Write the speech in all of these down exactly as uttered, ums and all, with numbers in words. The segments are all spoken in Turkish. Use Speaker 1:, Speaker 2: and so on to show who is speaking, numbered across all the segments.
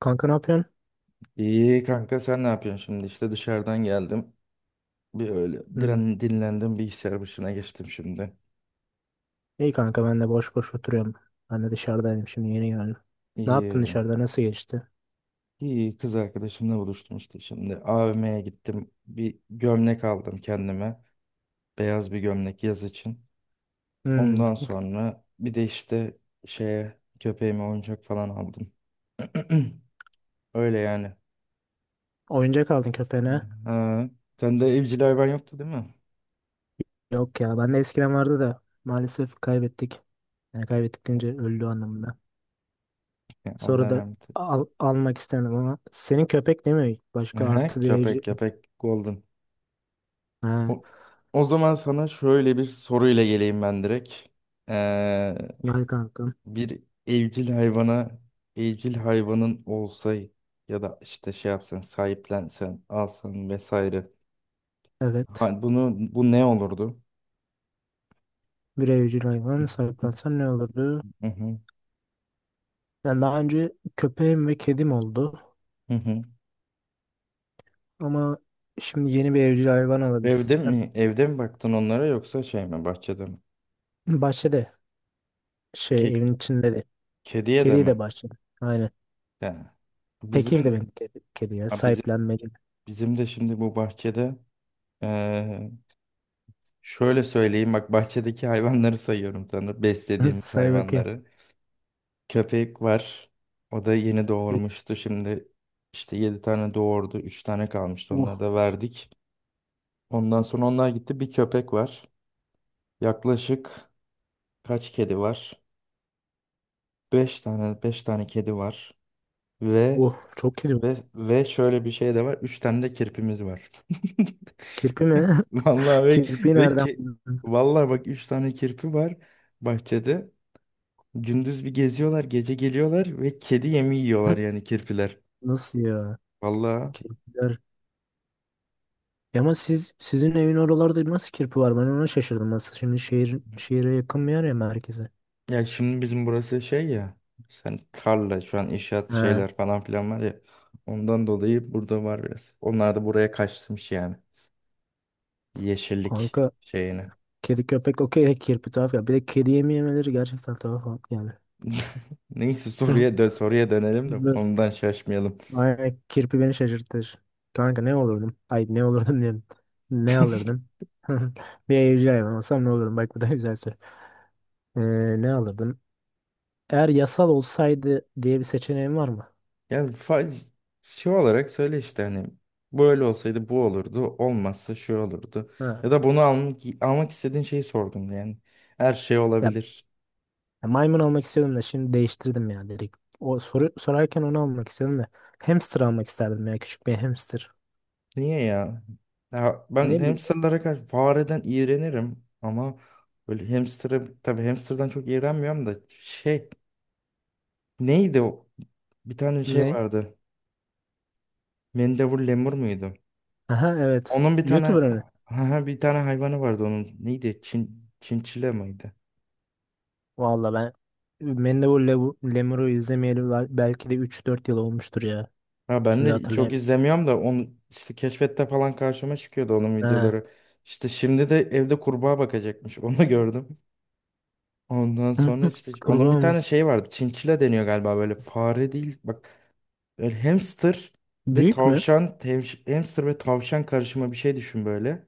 Speaker 1: Kanka ne yapıyorsun?
Speaker 2: İyi kanka sen ne yapıyorsun şimdi? İşte dışarıdan geldim. Bir öyle
Speaker 1: Hı.
Speaker 2: diren, dinlendim, bilgisayar başına geçtim şimdi.
Speaker 1: İyi kanka, ben de boş boş oturuyorum. Ben de dışarıdaydım, şimdi yeni geldim. Ne yaptın
Speaker 2: İyi.
Speaker 1: dışarıda, nasıl geçti?
Speaker 2: İyi, kız arkadaşımla buluştum işte şimdi. A V M'ye gittim. Bir gömlek aldım kendime. Beyaz bir gömlek yaz için.
Speaker 1: Hı.
Speaker 2: Ondan sonra bir de işte şeye köpeğime oyuncak falan aldım. Öyle yani.
Speaker 1: Oyuncak aldın köpeğine.
Speaker 2: Ha. Sende evcil hayvan yoktu, değil mi?
Speaker 1: Yok ya, ben de eskiden vardı da maalesef kaybettik. Yani kaybettik deyince öldü anlamında.
Speaker 2: Ya, Allah
Speaker 1: Sonra da
Speaker 2: rahmet eylesin.
Speaker 1: al- almak istemedim ama senin köpek değil mi? Başka
Speaker 2: Aha,
Speaker 1: artı bir
Speaker 2: köpek
Speaker 1: evcil.
Speaker 2: köpek golden.
Speaker 1: Ha,
Speaker 2: O, o zaman sana şöyle bir soruyla geleyim ben direkt. Ee,
Speaker 1: gel kankam.
Speaker 2: Bir evcil hayvana, evcil hayvanın olsa ya da işte şey yapsan, sahiplensen, alsan vesaire.
Speaker 1: Evet.
Speaker 2: Ha, bunu bu ne olurdu?
Speaker 1: Bir evcil hayvan sahiplensen ne olurdu?
Speaker 2: Hı hı,
Speaker 1: Yani daha önce köpeğim ve kedim oldu.
Speaker 2: hı hı.
Speaker 1: Ama şimdi yeni bir evcil hayvan
Speaker 2: Evde
Speaker 1: alabilsem.
Speaker 2: mi, evde mi baktın onlara, yoksa şey mi, bahçede mi?
Speaker 1: Bahçede şey
Speaker 2: Ke-
Speaker 1: evin içinde de.
Speaker 2: kediye de
Speaker 1: Kediyi de
Speaker 2: mi?
Speaker 1: bahçede. Aynen.
Speaker 2: Yani
Speaker 1: Tekir
Speaker 2: bizim,
Speaker 1: de benim kedi, kedi ya.
Speaker 2: ha, bizim
Speaker 1: Sahiplenmeli.
Speaker 2: bizim de şimdi bu bahçede eee, şöyle söyleyeyim, bak, bahçedeki hayvanları sayıyorum sana.
Speaker 1: Hı,
Speaker 2: Beslediğimiz
Speaker 1: say bakayım.
Speaker 2: hayvanları. Köpek var. O da yeni
Speaker 1: Bir-
Speaker 2: doğurmuştu. Şimdi işte yedi tane doğurdu. Üç tane kalmıştı. Onları
Speaker 1: Oh
Speaker 2: da verdik. Ondan sonra onlar gitti. Bir köpek var. Yaklaşık kaç kedi var? Beş tane beş tane kedi var. Ve
Speaker 1: oh çok kedi var.
Speaker 2: ve ve şöyle bir şey de var. Üç tane de kirpimiz var.
Speaker 1: Kirpi mi?
Speaker 2: Vallahi ve,
Speaker 1: Kirpi
Speaker 2: ve
Speaker 1: nereden
Speaker 2: ki,
Speaker 1: buldun?
Speaker 2: vallahi bak üç tane kirpi var bahçede. Gündüz bir geziyorlar, gece geliyorlar ve kedi yemi yiyorlar yani, kirpiler.
Speaker 1: Nasıl ya?
Speaker 2: Vallahi,
Speaker 1: Kirpiler. Ya ama siz sizin evin oralarda nasıl kirpi var? Ben ona şaşırdım. Nasıl şimdi şehir şehire yakın bir yer ya, merkeze.
Speaker 2: ya şimdi bizim burası şey ya. Sen tarla, şu an inşaat
Speaker 1: Ha,
Speaker 2: şeyler falan filan var ya. Ondan dolayı burada var biraz. Onlar da buraya kaçmış yani. Yeşillik
Speaker 1: kanka
Speaker 2: şeyine.
Speaker 1: kedi köpek okey de kirpi tuhaf ya. Bir de kedi yemeyemeleri gerçekten tuhaf yani.
Speaker 2: Neyse, soruya dön soruya dönelim de konudan şaşmayalım.
Speaker 1: Ay, kirpi beni şaşırtır. Kanka ne olurdum? Ay ne olurdum diyorum. Ne alırdım? Bir evcil hayvan olsam ne olurdum? Bak bu da güzel soru. Ee, Ne alırdım? Eğer yasal olsaydı diye bir seçeneğim var mı?
Speaker 2: Yani fa- şey olarak söyle işte, hani böyle olsaydı bu olurdu, olmazsa şu olurdu.
Speaker 1: Ha.
Speaker 2: Ya da bunu almak, almak istediğin şeyi sordum yani. Her şey
Speaker 1: Ya,
Speaker 2: olabilir.
Speaker 1: ya maymun almak istiyordum da şimdi değiştirdim ya, direkt. O soru sorarken onu almak istiyordum da. Hamster almak isterdim ya, küçük bir hamster.
Speaker 2: Niye ya? Ya, ben
Speaker 1: Ne bileyim.
Speaker 2: hamsterlara karşı, fareden iğrenirim ama böyle hamster'a tabii, hamster'dan çok iğrenmiyorum da, şey, neydi o? Bir tane şey
Speaker 1: Ne?
Speaker 2: vardı. Mendebur lemur muydu?
Speaker 1: Aha evet.
Speaker 2: Onun bir tane
Speaker 1: YouTuber mı?
Speaker 2: bir tane hayvanı vardı onun. Neydi? Çin, çinçile miydi?
Speaker 1: Valla ben Mendebur Lebu- Lemur'u izlemeyeli bel- belki de üç dört yıl olmuştur ya.
Speaker 2: Ha, ben
Speaker 1: Şimdi
Speaker 2: de çok
Speaker 1: hatırlayamıyorum.
Speaker 2: izlemiyorum da onu, işte keşfette falan karşıma çıkıyordu onun
Speaker 1: He.
Speaker 2: videoları. İşte şimdi de evde kurbağa bakacakmış. Onu gördüm. Ondan sonra işte onun
Speaker 1: Kurbağa
Speaker 2: bir
Speaker 1: mı?
Speaker 2: tane şey vardı. Çinçile deniyor galiba, böyle fare değil. Bak, böyle hamster ve
Speaker 1: Büyük mü?
Speaker 2: tavşan, tevş- hamster ve tavşan karışımı bir şey düşün böyle.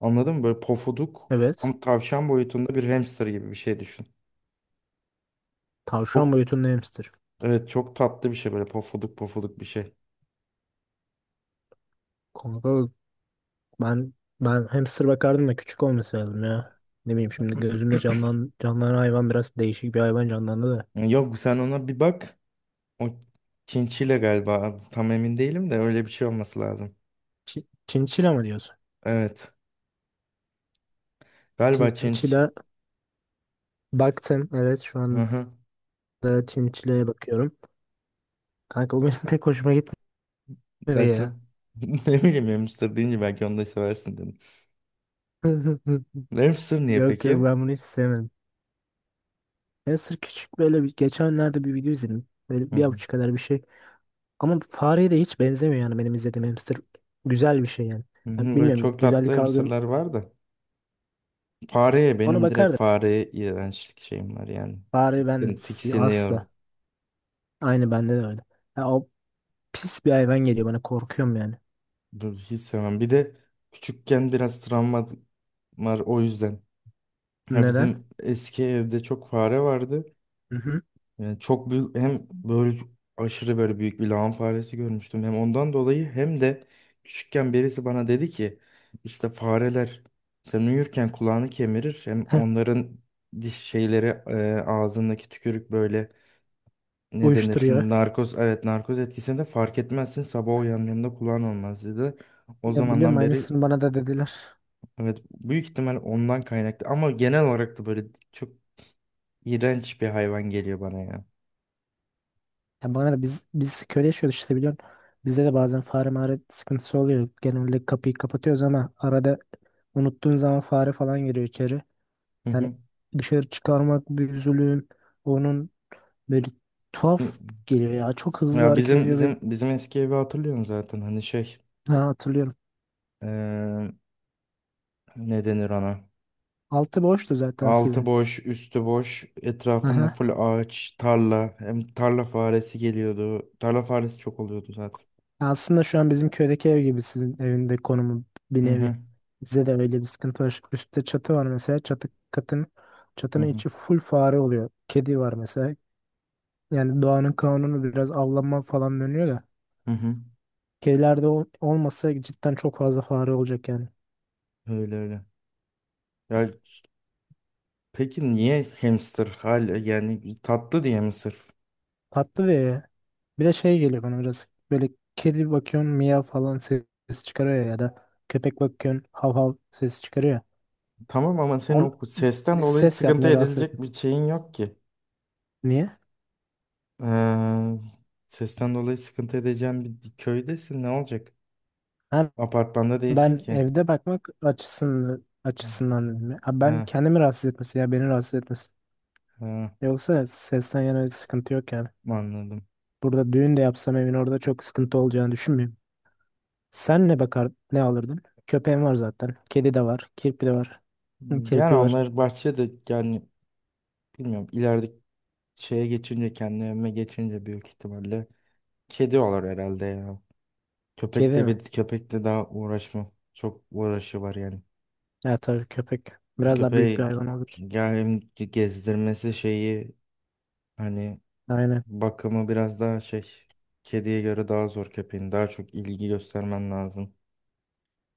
Speaker 2: Anladın mı? Böyle pofuduk,
Speaker 1: Evet.
Speaker 2: ama tavşan boyutunda bir hamster gibi bir şey düşün.
Speaker 1: Tavşan
Speaker 2: Çok
Speaker 1: boyutunda hamster.
Speaker 2: evet, çok tatlı bir şey, böyle pofuduk pofuduk bir şey.
Speaker 1: Kanka ben ben hamster bakardım da küçük olması lazım ya. Ne bileyim, şimdi gözümde canlan canlanan hayvan biraz değişik bir hayvan canlandı da.
Speaker 2: Yok, sen ona bir bak. O çinçile galiba. Tam emin değilim de öyle bir şey olması lazım.
Speaker 1: Çi- Çinçila mı diyorsun?
Speaker 2: Evet. Galiba Çinç.
Speaker 1: Çinçila baktım. Evet şu
Speaker 2: Hı
Speaker 1: anda
Speaker 2: hı.
Speaker 1: çinçilaya bakıyorum. Kanka bu benim pek hoşuma gitmedi ya.
Speaker 2: Dedim. Ne bileyim, hamster deyince belki onu da seversin dedim. Hamster niye
Speaker 1: Yok yok,
Speaker 2: peki?
Speaker 1: ben bunu hiç sevmedim. Hamster küçük böyle, bir geçenlerde bir video izledim. Böyle
Speaker 2: Hı
Speaker 1: bir
Speaker 2: hı.
Speaker 1: avuç kadar bir şey. Ama fareye de hiç benzemiyor yani benim izlediğim hamster. Güzel bir şey yani.
Speaker 2: Hı
Speaker 1: Ya
Speaker 2: hı, böyle
Speaker 1: bilmiyorum,
Speaker 2: çok tatlı
Speaker 1: güzellik algım
Speaker 2: hamsterlar var da. Fareye,
Speaker 1: ona
Speaker 2: benim direkt
Speaker 1: bakardım.
Speaker 2: fareye iğrençlik şeyim var yani.
Speaker 1: Fare, ben
Speaker 2: Tiksin,
Speaker 1: si-
Speaker 2: tiksiniyorum.
Speaker 1: asla. Aynı bende de öyle. Ya o pis bir hayvan geliyor bana, korkuyorum yani.
Speaker 2: Dur, hiç sevmem. Bir de küçükken biraz travma var, o yüzden. Ya,
Speaker 1: Neden?
Speaker 2: bizim eski evde çok fare vardı.
Speaker 1: Hı hı.
Speaker 2: Yani çok büyük, hem böyle aşırı böyle büyük bir lağım faresi görmüştüm. Hem ondan dolayı, hem de küçükken birisi bana dedi ki işte, fareler sen uyurken kulağını kemirir. Hem
Speaker 1: Heh,
Speaker 2: onların diş şeyleri, e, ağzındaki tükürük, böyle ne denir?
Speaker 1: uyuşturuyor.
Speaker 2: Narkoz, evet, narkoz etkisini de fark etmezsin. Sabah uyandığında kulağın olmaz dedi. O
Speaker 1: Ya biliyorum,
Speaker 2: zamandan beri,
Speaker 1: aynısını bana da dediler.
Speaker 2: evet, büyük ihtimal ondan kaynaklı, ama genel olarak da böyle çok iğrenç bir hayvan geliyor bana ya.
Speaker 1: Ya bana da, biz biz köyde yaşıyoruz işte, biliyorsun. Bizde de bazen fare mağara sıkıntısı oluyor. Genelde kapıyı kapatıyoruz ama arada unuttuğun zaman fare falan giriyor içeri.
Speaker 2: Hı
Speaker 1: Yani
Speaker 2: hı.
Speaker 1: dışarı çıkarmak bir zulüm. Onun böyle tuhaf geliyor ya. Çok hızlı
Speaker 2: Ya
Speaker 1: hareket
Speaker 2: bizim
Speaker 1: ediyor ve
Speaker 2: bizim bizim eski evi hatırlıyorum zaten, hani şey,
Speaker 1: ha, hatırlıyorum.
Speaker 2: eee ne denir ona,
Speaker 1: Altı boştu zaten
Speaker 2: altı
Speaker 1: sizin.
Speaker 2: boş üstü boş, etrafında
Speaker 1: Aha.
Speaker 2: full ağaç, tarla, hem tarla faresi geliyordu, tarla faresi çok oluyordu zaten.
Speaker 1: Aslında şu an bizim köydeki ev gibi sizin evinde konumu, bir
Speaker 2: Hı hı,
Speaker 1: nevi. Bize de öyle bir sıkıntı var. Üstte çatı var mesela. Çatı katın
Speaker 2: hı
Speaker 1: çatının
Speaker 2: hı,
Speaker 1: içi full fare oluyor. Kedi var mesela. Yani doğanın kanunu biraz avlanma falan dönüyor da.
Speaker 2: hı hı.
Speaker 1: Kedilerde ol- olmasa cidden çok fazla fare olacak yani.
Speaker 2: Öyle öyle. Ya peki niye hamster hala, yani tatlı diye mi sırf?
Speaker 1: Tatlı ve bir de şey geliyor bana biraz böyle; kedi bakıyorsun, miyav falan ses çıkarıyor ya, ya da köpek bakıyorsun, hav hav ses çıkarıyor ya.
Speaker 2: Tamam ama senin
Speaker 1: On,
Speaker 2: o sesten
Speaker 1: Bir
Speaker 2: dolayı
Speaker 1: ses
Speaker 2: sıkıntı
Speaker 1: yapmıyor, rahatsız etmiyor.
Speaker 2: edilecek bir şeyin yok ki.
Speaker 1: Niye?
Speaker 2: Eee sesten dolayı sıkıntı edeceğin bir köydesin, ne olacak?
Speaker 1: Ha,
Speaker 2: Apartmanda değilsin
Speaker 1: ben
Speaker 2: ki.
Speaker 1: evde bakmak açısından açısından dedim ya. Ha, ben
Speaker 2: Ha,
Speaker 1: kendimi rahatsız etmesi ya beni rahatsız etmesi.
Speaker 2: ha,
Speaker 1: Yoksa sesten yana bir sıkıntı yok yani.
Speaker 2: anladım.
Speaker 1: Burada düğün de yapsam evin orada çok sıkıntı olacağını düşünmüyorum. Sen ne bakar, ne alırdın? Köpeğin var zaten. Kedi de var. Kirpi de var. Hı,
Speaker 2: Yani
Speaker 1: kirpi var.
Speaker 2: onlar bahçede yani, bilmiyorum, ileride şeye geçince kendi evime geçince büyük ihtimalle kedi olur herhalde ya. Köpek
Speaker 1: Kedi
Speaker 2: de,
Speaker 1: mi?
Speaker 2: bir köpekle daha uğraşmam. Çok uğraşı var yani.
Speaker 1: Ya tabii köpek. Biraz daha büyük bir
Speaker 2: Köpeği,
Speaker 1: hayvan olur.
Speaker 2: yani hem gezdirmesi şeyi, hani
Speaker 1: Aynen.
Speaker 2: bakımı biraz daha şey, kediye göre daha zor köpeğin. Daha çok ilgi göstermen lazım.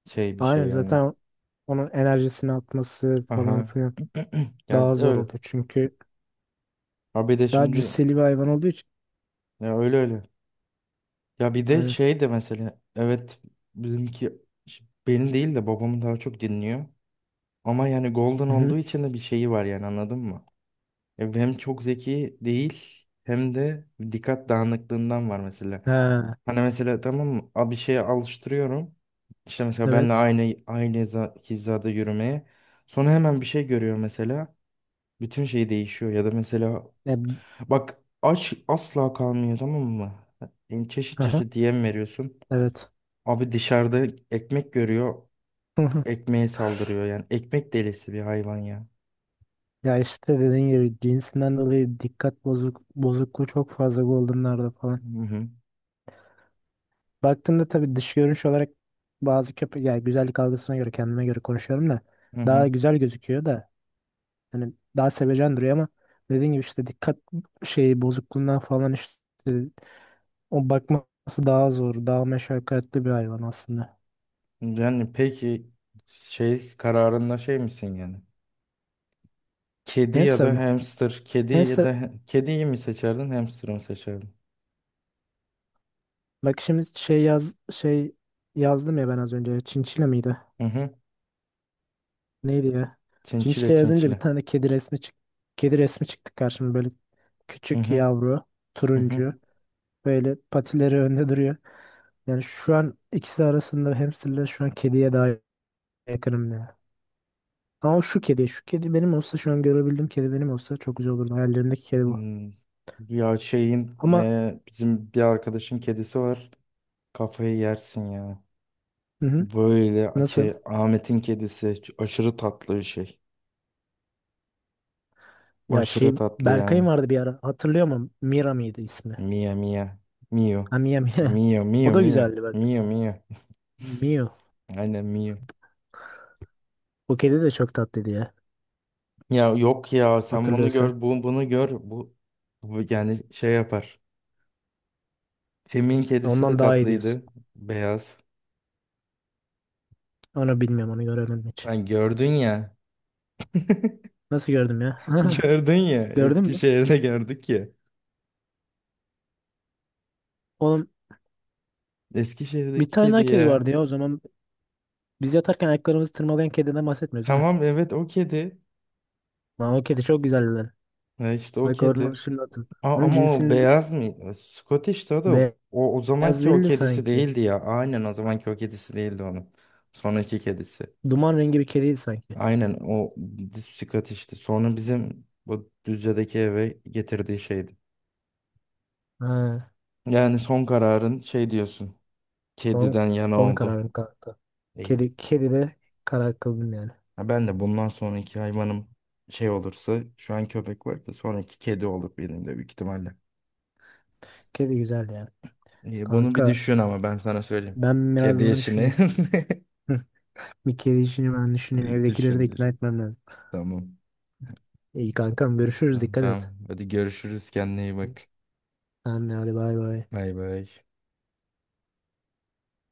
Speaker 2: Şey bir şey
Speaker 1: Aynen,
Speaker 2: yani.
Speaker 1: zaten onun enerjisini atması falan
Speaker 2: Aha.
Speaker 1: filan
Speaker 2: Yani
Speaker 1: daha zor
Speaker 2: öyle.
Speaker 1: olur. Çünkü
Speaker 2: Ha bir de
Speaker 1: daha
Speaker 2: şimdi,
Speaker 1: cüsseli bir hayvan olduğu için.
Speaker 2: ya öyle öyle. Ya bir de
Speaker 1: Aynen.
Speaker 2: şey de mesela, evet, bizimki, ş- benim değil de babam daha çok dinliyor. Ama yani Golden
Speaker 1: Hı hı.
Speaker 2: olduğu için de bir şeyi var yani, anladın mı? Ya hem çok zeki değil, hem de dikkat dağınıklığından var mesela.
Speaker 1: Ha,
Speaker 2: Hani mesela, tamam mı? A- Bir şeye alıştırıyorum. İşte mesela benle
Speaker 1: evet.
Speaker 2: aynı aynı hiza- hizada yürümeye. Sonra hemen bir şey görüyor mesela. Bütün şey değişiyor, ya da mesela,
Speaker 1: E,
Speaker 2: bak, aç asla kalmıyor, tamam mı? Yani çeşit
Speaker 1: aha,
Speaker 2: çeşit yem veriyorsun.
Speaker 1: evet.
Speaker 2: Abi dışarıda ekmek görüyor. Ekmeğe saldırıyor yani. Ekmek delisi bir hayvan ya.
Speaker 1: Ya işte dediğin gibi cinsinden dolayı dikkat bozuk, bozukluğu çok fazla Golden'larda falan.
Speaker 2: Hı hı.
Speaker 1: Baktığında tabii dış görünüş olarak bazı köpek, yani güzellik algısına göre, kendime göre konuşuyorum da,
Speaker 2: Hı hı.
Speaker 1: daha güzel gözüküyor da, hani daha sevecen duruyor ama, dediğim gibi işte dikkat şeyi bozukluğundan falan işte, o bakması daha zor, daha meşakkatli bir hayvan aslında.
Speaker 2: Yani peki şey kararında şey misin yani? Kedi ya
Speaker 1: Hamster
Speaker 2: da
Speaker 1: mı?
Speaker 2: hamster. Kedi ya
Speaker 1: Hamster,
Speaker 2: da, kediyi mi seçerdin, hamster'ı mı seçerdin?
Speaker 1: bak şimdi şey yaz şey yazdım ya ben az önce. Çinçile miydi?
Speaker 2: Hı hı.
Speaker 1: Neydi ya?
Speaker 2: Çinçile
Speaker 1: Çinçile yazınca bir
Speaker 2: çinçile.
Speaker 1: tane kedi resmi çık kedi resmi çıktı karşıma böyle,
Speaker 2: Hı
Speaker 1: küçük
Speaker 2: hı.
Speaker 1: yavru,
Speaker 2: Hı hı.
Speaker 1: turuncu, böyle patileri önde duruyor. Yani şu an ikisi arasında hamsterle, şu an kediye daha yakınım ya. Ama o şu kedi, şu kedi benim olsa, şu an görebildiğim kedi benim olsa çok güzel olurdu. Hayallerimdeki kedi bu.
Speaker 2: Hmm. Ya şeyin,
Speaker 1: Ama
Speaker 2: e, bizim bir arkadaşın kedisi var. Kafayı yersin ya.
Speaker 1: hı hı,
Speaker 2: Böyle
Speaker 1: nasıl?
Speaker 2: şey, Ahmet'in kedisi aşırı tatlı bir şey.
Speaker 1: Ya şey,
Speaker 2: Aşırı tatlı yani.
Speaker 1: Berkay'ın vardı bir ara. Hatırlıyor musun? Mira mıydı ismi?
Speaker 2: Mia Mia. Mio.
Speaker 1: Ha, Mia Mia.
Speaker 2: Mio
Speaker 1: O
Speaker 2: Mio
Speaker 1: da
Speaker 2: Mio.
Speaker 1: güzeldi bak.
Speaker 2: Mio Mio.
Speaker 1: Mio.
Speaker 2: Aynen, Mio.
Speaker 1: O kedi de çok tatlıydı ya.
Speaker 2: Ya yok ya, sen bunu
Speaker 1: Hatırlıyorsan.
Speaker 2: gör, bu bunu gör. Bu, bu yani şey yapar. Semih'in kedisi de
Speaker 1: Ondan daha iyi diyorsun.
Speaker 2: tatlıydı. Beyaz.
Speaker 1: Onu bilmiyorum, onu göremedim hiç.
Speaker 2: Ben gördün ya.
Speaker 1: Nasıl gördüm ya?
Speaker 2: Gördün ya.
Speaker 1: Gördün mü?
Speaker 2: Eskişehir'de gördük ya.
Speaker 1: Oğlum, bir
Speaker 2: Eskişehir'deki
Speaker 1: tane
Speaker 2: kedi
Speaker 1: daha kedi
Speaker 2: ya.
Speaker 1: vardı ya o zaman. Biz yatarken ayaklarımızı tırmalayan kediden bahsetmiyoruz değil mi?
Speaker 2: Tamam, evet, o kedi.
Speaker 1: Lan o kedi çok güzeldi lan.
Speaker 2: Ha işte o
Speaker 1: Bak onu
Speaker 2: kedi.
Speaker 1: şimdi hatırladım.
Speaker 2: A-
Speaker 1: Onun
Speaker 2: ama o
Speaker 1: cinsinin
Speaker 2: beyaz mı? Scottish'ti o da,
Speaker 1: bir-
Speaker 2: o, o
Speaker 1: Ya
Speaker 2: zamanki o
Speaker 1: zilli
Speaker 2: kedisi
Speaker 1: sanki.
Speaker 2: değildi ya. Aynen, o zamanki o kedisi değildi onun. Sonraki kedisi.
Speaker 1: Duman rengi bir kediydi sanki.
Speaker 2: Aynen, o Scottish'ti. Sonra bizim bu Düzce'deki eve getirdiği şeydi.
Speaker 1: Ha,
Speaker 2: Yani son kararın şey diyorsun.
Speaker 1: son,
Speaker 2: Kediden yana
Speaker 1: son
Speaker 2: oldu.
Speaker 1: kararım kanka.
Speaker 2: İyi.
Speaker 1: Kedi, kedi de karar kıldım yani.
Speaker 2: Ha, ben de bundan sonraki hayvanım şey olursa, şu an köpek var da, sonraki kedi olur benim de büyük ihtimalle.
Speaker 1: Kedi güzeldi yani.
Speaker 2: İyi, bunu bir
Speaker 1: Kanka
Speaker 2: düşün ama, ben sana söyleyeyim.
Speaker 1: ben
Speaker 2: Kedi
Speaker 1: biraz bunu
Speaker 2: işini
Speaker 1: düşüneyim. Hı, bir kedi işini ben düşüneyim. Evdekileri de
Speaker 2: düşün,
Speaker 1: ikna
Speaker 2: düşün.
Speaker 1: etmem lazım.
Speaker 2: Tamam.
Speaker 1: İyi kankam, görüşürüz, dikkat et.
Speaker 2: Tamam. Hadi görüşürüz. Kendine iyi bak.
Speaker 1: Sen de hadi, bay bay.
Speaker 2: Bay bay.